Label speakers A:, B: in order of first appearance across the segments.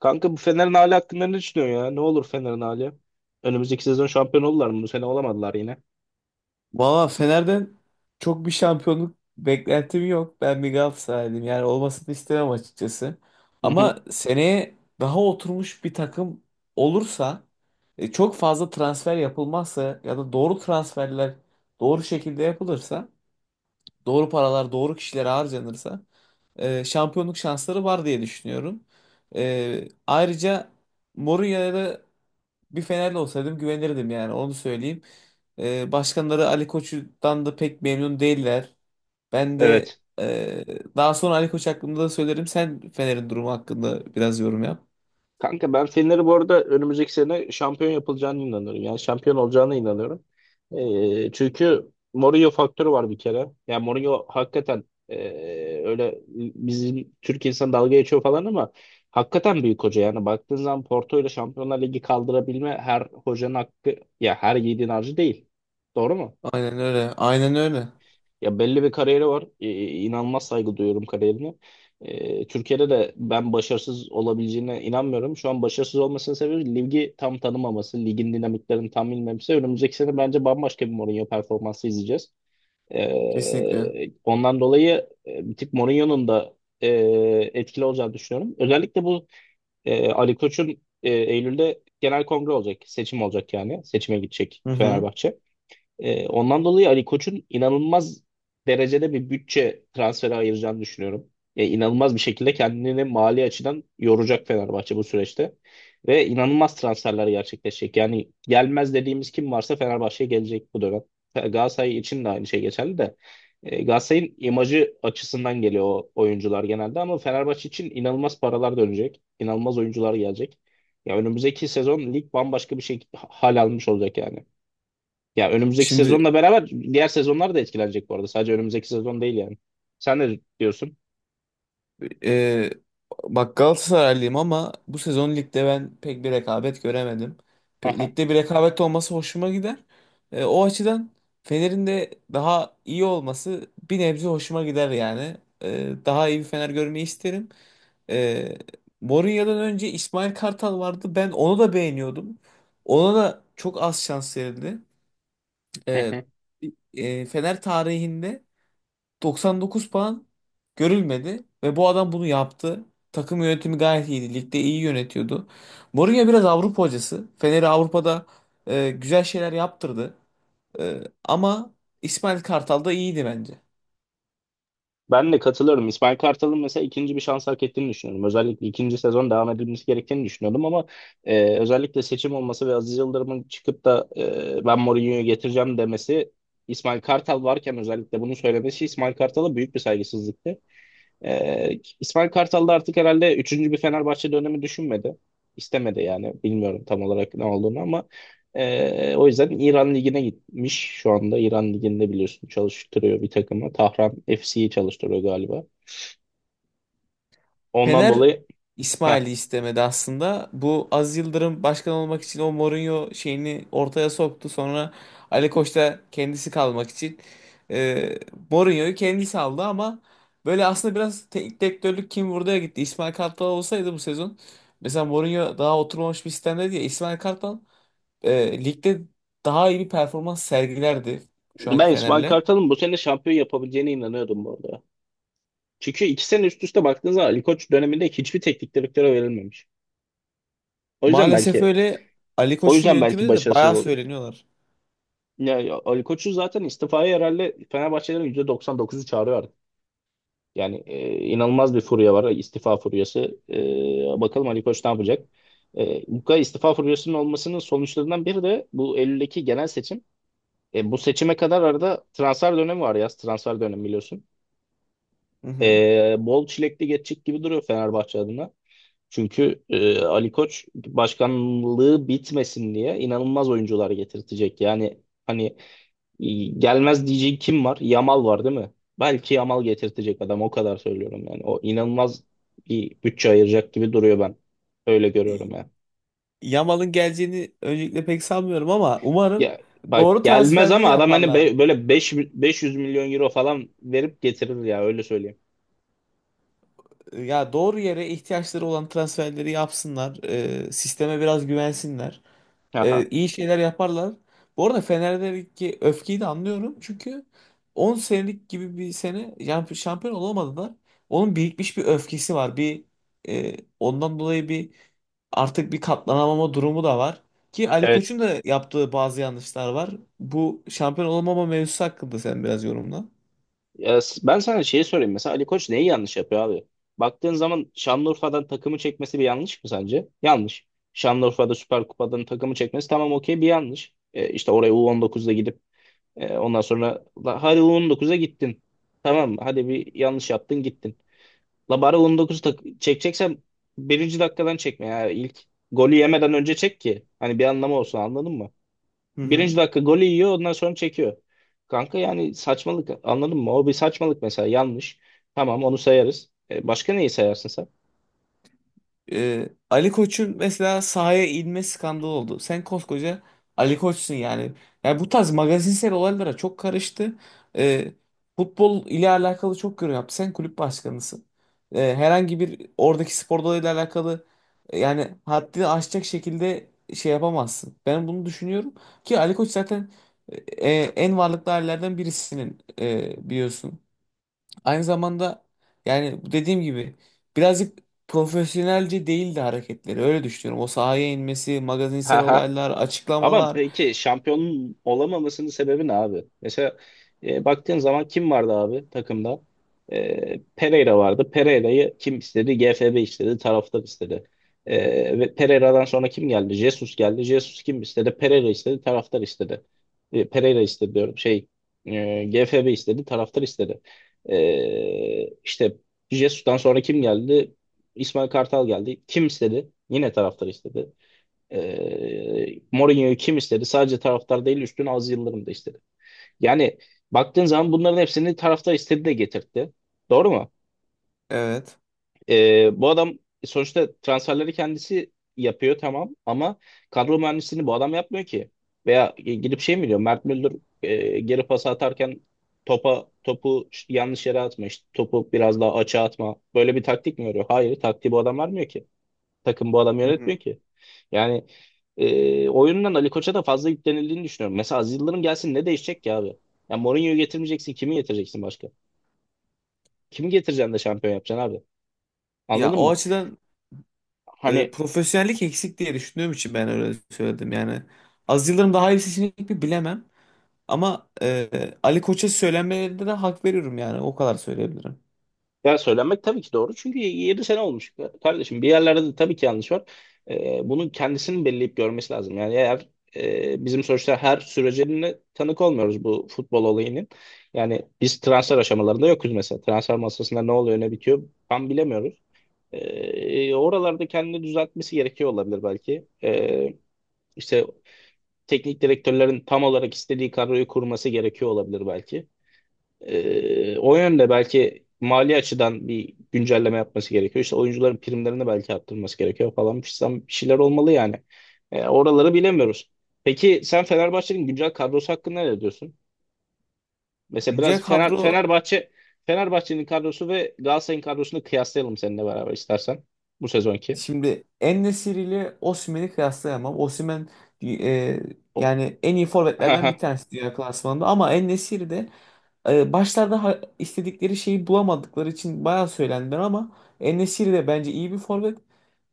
A: Kanka bu Fener'in hali hakkında ne düşünüyorsun ya? Ne olur Fener'in hali? Önümüzdeki sezon şampiyon oldular mı? Bu sene olamadılar yine.
B: Valla Fener'den çok bir şampiyonluk beklentim yok. Ben bir Galatasaraylıyım. Yani olmasını istemem açıkçası.
A: Hı hı.
B: Ama seneye daha oturmuş bir takım olursa, çok fazla transfer yapılmazsa ya da doğru transferler doğru şekilde yapılırsa, doğru paralar doğru kişilere harcanırsa şampiyonluk şansları var diye düşünüyorum. Ayrıca Mourinho'ya da bir Fenerli olsaydım güvenirdim, yani onu söyleyeyim. Başkanları Ali Koç'tan da pek memnun değiller. Ben de
A: Evet.
B: e, daha sonra Ali Koç hakkında da söylerim. Sen Fener'in durumu hakkında biraz yorum yap.
A: Kanka ben Fener'i bu arada önümüzdeki sene şampiyon yapılacağına inanıyorum. Yani şampiyon olacağına inanıyorum. Çünkü Mourinho faktörü var bir kere. Yani Mourinho hakikaten öyle bizim Türk insan dalga geçiyor falan ama hakikaten büyük hoca. Yani baktığın zaman Porto ile Şampiyonlar Ligi kaldırabilme her hocanın hakkı ya her yiğidin harcı değil. Doğru mu?
B: Aynen öyle. Aynen öyle.
A: Ya belli bir kariyeri var. İnanılmaz saygı duyuyorum kariyerine. Türkiye'de de ben başarısız olabileceğine inanmıyorum. Şu an başarısız olmasının sebebi ligi tam tanımaması, ligin dinamiklerini tam bilmemesi. Önümüzdeki sene bence bambaşka bir Mourinho performansı izleyeceğiz.
B: Kesinlikle.
A: Ondan dolayı bir tık Mourinho'nun da e, etkili olacağını düşünüyorum. Özellikle bu Ali Koç'un Eylül'de genel kongre olacak, seçim olacak yani. Seçime gidecek
B: Hı hı.
A: Fenerbahçe. Ondan dolayı Ali Koç'un inanılmaz derecede bir bütçe transferi ayıracağını düşünüyorum. Yani inanılmaz bir şekilde kendini mali açıdan yoracak Fenerbahçe bu süreçte. Ve inanılmaz transferler gerçekleşecek. Yani gelmez dediğimiz kim varsa Fenerbahçe'ye gelecek bu dönem. Galatasaray için de aynı şey geçerli de. Galatasaray'ın imajı açısından geliyor o oyuncular genelde ama Fenerbahçe için inanılmaz paralar dönecek. İnanılmaz oyuncular gelecek. Ya önümüzdeki sezon lig bambaşka bir şey hal almış olacak yani. Ya önümüzdeki
B: Şimdi
A: sezonla beraber diğer sezonlar da etkilenecek bu arada. Sadece önümüzdeki sezon değil yani. Sen ne diyorsun?
B: Ee, bak, Galatasaraylıyım ama bu sezon ligde ben pek bir rekabet göremedim.
A: Aha.
B: Ligde bir rekabet olması hoşuma gider. O açıdan Fener'in de daha iyi olması bir nebze hoşuma gider yani. Daha iyi bir Fener görmeyi isterim. Ee, Mourinho'dan önce İsmail Kartal vardı. Ben onu da beğeniyordum. Ona da çok az şans verildi.
A: Hı
B: Ee,
A: hı.
B: Fener tarihinde 99 puan görülmedi ve bu adam bunu yaptı. Takım yönetimi gayet iyiydi. Ligde iyi yönetiyordu. Mourinho biraz Avrupa hocası. Fener'i Avrupa'da güzel şeyler yaptırdı. Ama İsmail Kartal da iyiydi bence.
A: Ben de katılıyorum. İsmail Kartal'ın mesela ikinci bir şans hak ettiğini düşünüyorum. Özellikle ikinci sezon devam edilmesi gerektiğini düşünüyordum ama özellikle seçim olması ve Aziz Yıldırım'ın çıkıp da ben Mourinho'yu getireceğim demesi İsmail Kartal varken özellikle bunu söylemesi İsmail Kartal'a büyük bir saygısızlıktı. İsmail Kartal da artık herhalde üçüncü bir Fenerbahçe dönemi düşünmedi. İstemedi yani. Bilmiyorum tam olarak ne olduğunu ama o yüzden İran Ligi'ne gitmiş şu anda. İran Ligi'nde biliyorsun çalıştırıyor bir takımı. Tahran FC'yi çalıştırıyor galiba. Ondan
B: Fener
A: dolayı heh,
B: İsmail'i istemedi aslında. Bu Aziz Yıldırım başkan olmak için o Mourinho şeyini ortaya soktu. Sonra Ali Koç da kendisi kalmak için e, Mourinho'yu kendisi aldı ama böyle aslında biraz teknik direktörlük kim buraya gitti. İsmail Kartal olsaydı bu sezon, mesela Mourinho daha oturmamış bir sistemde diye, İsmail Kartal ligde daha iyi bir performans sergilerdi şu anki
A: ben İsmail
B: Fener'le.
A: Kartal'ın bu sene şampiyon yapabileceğine inanıyordum bu arada. Çünkü iki sene üst üste baktığınız zaman Ali Koç döneminde hiçbir teknik direktöre verilmemiş. O yüzden
B: Maalesef
A: belki
B: öyle. Ali
A: o
B: Koç'un
A: yüzden belki
B: yönetiminde de
A: başarısız
B: bayağı
A: oluyor.
B: söyleniyorlar.
A: Ya, Ali Koç'u zaten istifaya herhalde Fenerbahçelerin %99'u çağırıyor artık. Yani inanılmaz bir furya var, istifa furyası. Bakalım Ali Koç ne yapacak? Bu kadar istifa furyasının olmasının sonuçlarından biri de bu Eylül'deki genel seçim. Bu seçime kadar arada transfer dönemi var yaz. Transfer dönemi biliyorsun.
B: Hı hı.
A: Bol çilekli geçecek gibi duruyor Fenerbahçe adına. Çünkü Ali Koç başkanlığı bitmesin diye inanılmaz oyuncular getirtecek. Yani hani gelmez diyeceği kim var? Yamal var değil mi? Belki Yamal getirtecek adam o kadar söylüyorum yani. O inanılmaz bir bütçe ayıracak gibi duruyor ben. Öyle görüyorum yani.
B: Yamal'ın geleceğini öncelikle pek sanmıyorum ama umarım
A: Ya, bak
B: doğru
A: gelmez
B: transferleri
A: ama adam hani
B: yaparlar.
A: böyle 500 milyon euro falan verip getirir ya öyle söyleyeyim.
B: Ya doğru yere ihtiyaçları olan transferleri yapsınlar. Sisteme biraz güvensinler.
A: Aha.
B: İyi şeyler yaparlar. Bu arada Fener'deki öfkeyi de anlıyorum. Çünkü 10 senelik gibi bir sene, yani şampiyon olamadılar. Onun birikmiş bir öfkesi var. Ondan dolayı artık bir katlanamama durumu da var. Ki Ali
A: Evet.
B: Koç'un da yaptığı bazı yanlışlar var. Bu şampiyon olamama mevzusu hakkında sen biraz yorumla.
A: Ya, ben sana şeyi sorayım mesela Ali Koç neyi yanlış yapıyor abi? Baktığın zaman Şanlıurfa'dan takımı çekmesi bir yanlış mı sence? Yanlış. Şanlıurfa'da Süper Kupa'dan takımı çekmesi tamam okey bir yanlış. İşte oraya U19'da gidip ondan sonra la, hadi U19'a gittin. Tamam mı? Hadi bir yanlış yaptın gittin. La bari U19 çekeceksen birinci dakikadan çekme ya. İlk golü yemeden önce çek ki. Hani bir anlamı olsun anladın mı?
B: Hı hı.
A: Birinci dakika golü yiyor ondan sonra çekiyor. Kanka yani saçmalık anladın mı? O bir saçmalık mesela yanlış. Tamam onu sayarız. Başka neyi sayarsın sen?
B: Ali Koç'un mesela sahaya inme skandalı oldu. Sen koskoca Ali Koç'sun yani. Yani bu tarz magazinsel olaylara çok karıştı. Ee, Futbol ile alakalı çok yorum yaptı. Sen kulüp başkanısın. Herhangi bir oradaki spor dalıyla alakalı yani haddini aşacak şekilde şey yapamazsın. Ben bunu düşünüyorum ki Ali Koç zaten e, en varlıklı ailelerden birisinin biliyorsun. Aynı zamanda, yani dediğim gibi, birazcık profesyonelce değildi hareketleri. Öyle düşünüyorum. O sahaya inmesi, magazinsel olaylar,
A: Ama
B: açıklamalar.
A: peki şampiyonun olamamasının sebebi ne abi? Mesela baktığın zaman kim vardı abi takımda? Pereira vardı. Pereira'yı kim istedi? GFB istedi. Taraftar istedi. Ve Pereira'dan sonra kim geldi? Jesus geldi. Jesus kim istedi? Pereira istedi. Taraftar istedi. Pereira istedi diyorum. Şey GFB istedi. Taraftar istedi. İşte Jesus'tan sonra kim geldi? İsmail Kartal geldi. Kim istedi? Yine taraftar istedi. Mourinho'yu kim istedi? Sadece taraftar değil üstüne Aziz Yıldırım da istedi. Yani baktığın zaman bunların hepsini taraftar istedi de getirtti. Doğru mu?
B: Evet.
A: Bu adam sonuçta transferleri kendisi yapıyor tamam ama kadro mühendisliğini bu adam yapmıyor ki. Veya gidip şey mi diyor? Mert Müldür geri pas atarken topu yanlış yere atma işte topu biraz daha açığa atma. Böyle bir taktik mi veriyor? Hayır taktiği bu adam vermiyor ki. Takım bu adam
B: Hı hı.
A: yönetmiyor ki. Yani oyundan Ali Koç'a da fazla yüklenildiğini düşünüyorum. Mesela Aziz Yıldırım gelsin ne değişecek ki abi? Ya Mourinho'yu getirmeyeceksin kimi getireceksin başka? Kimi getireceksin de şampiyon yapacaksın abi?
B: Ya
A: Anladın
B: o
A: mı?
B: açıdan
A: Hani
B: profesyonellik eksik diye düşündüğüm için ben öyle söyledim. Yani az yıllarım daha iyi bir seçenek mi bilemem. Ama Ali Koç'a söylenmelerinde de hak veriyorum yani. O kadar söyleyebilirim.
A: ya söylenmek tabii ki doğru çünkü 7 sene olmuş kardeşim. Bir yerlerde de tabii ki yanlış var. Bunun kendisinin belleyip görmesi lazım. Yani eğer bizim sonuçta her sürecine tanık olmuyoruz bu futbol olayının. Yani biz transfer aşamalarında yokuz mesela. Transfer masasında ne oluyor ne bitiyor tam bilemiyoruz. Oralarda kendini düzeltmesi gerekiyor olabilir belki. İşte teknik direktörlerin tam olarak istediği kadroyu kurması gerekiyor olabilir belki. O yönde belki mali açıdan bir güncelleme yapması gerekiyor. İşte oyuncuların primlerini belki arttırması gerekiyor falan. Bir şeyler olmalı yani. Oraları bilemiyoruz. Peki sen Fenerbahçe'nin güncel kadrosu hakkında ne diyorsun? Mesela
B: Güncel
A: biraz Fener,
B: kadro.
A: Fenerbahçe Fenerbahçe'nin kadrosu ve Galatasaray'ın kadrosunu kıyaslayalım seninle beraber istersen bu sezonki.
B: Şimdi En-Nesyri ile Osimhen'i kıyaslayamam. Osimhen e,
A: O-
B: yani en iyi forvetlerden bir tanesi dünya klasmanında, ama En-Nesyri de başlarda istedikleri şeyi bulamadıkları için bayağı söylendiler ama En-Nesyri de bence iyi bir forvet.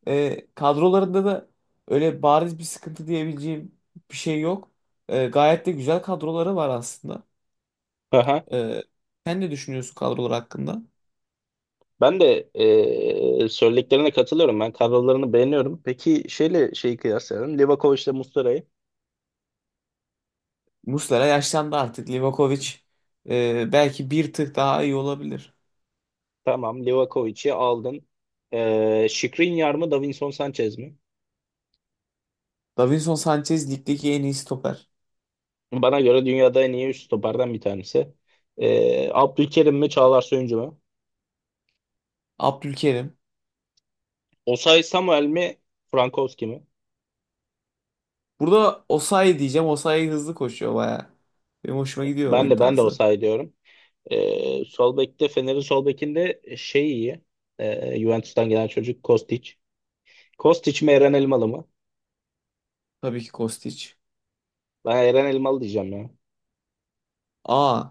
B: Kadrolarında da öyle bariz bir sıkıntı diyebileceğim bir şey yok. Gayet de güzel kadroları var aslında.
A: Aha.
B: E, Sen ne düşünüyorsun kadrolar hakkında?
A: Ben de söylediklerine katılıyorum. Ben kadrolarını beğeniyorum. Peki şeyle şeyi kıyaslayalım. Livakovic'le Muslera'yı.
B: Muslera yaşlandı artık. Livakovic belki bir tık daha iyi olabilir.
A: Tamam, Livakovic'i aldın. Skriniar mı, Davinson Sanchez mi?
B: Davinson Sanchez ligdeki en iyi stoper.
A: Bana göre dünyada en iyi üst stoperden bir tanesi. Abdülkerim mi, Çağlar Söyüncü mü?
B: Abdülkerim.
A: Osay Samuel mi, Frankowski mi?
B: Burada Osayi diyeceğim. Osayi hızlı koşuyor baya. Benim hoşuma gidiyor
A: Ben
B: oyun
A: de ben de
B: tarzı.
A: Osay diyorum. Sol bekte Fener'in sol bekinde şey iyi. Juventus'tan gelen çocuk Kostic. Kostic mi, Eren Elmalı mı?
B: Tabii ki Kostić.
A: Ben Eren Elmalı diyeceğim ya.
B: Aa,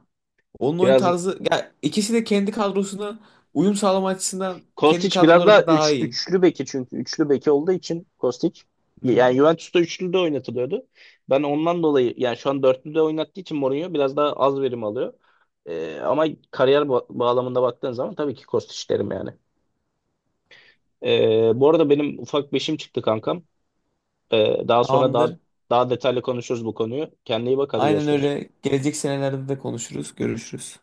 B: onun oyun
A: Biraz
B: tarzı, ya ikisi de kendi kadrosuna uyum sağlama açısından kendi
A: Kostić biraz
B: kadroları
A: daha
B: da daha iyi.
A: üçlü beki çünkü üçlü beki olduğu için Kostić
B: Hı hı.
A: yani Juventus'ta üçlü de oynatılıyordu. Ben ondan dolayı yani şu an dörtlü de oynattığı için Mourinho biraz daha az verim alıyor. Ama kariyer bağlamında baktığın zaman tabii ki Kostić derim yani. Bu arada benim ufak beşim çıktı kankam. Daha sonra
B: Tamamdır.
A: daha detaylı konuşuruz bu konuyu. Kendine iyi bak hadi
B: Aynen
A: görüşürüz.
B: öyle. Gelecek senelerde de konuşuruz, görüşürüz.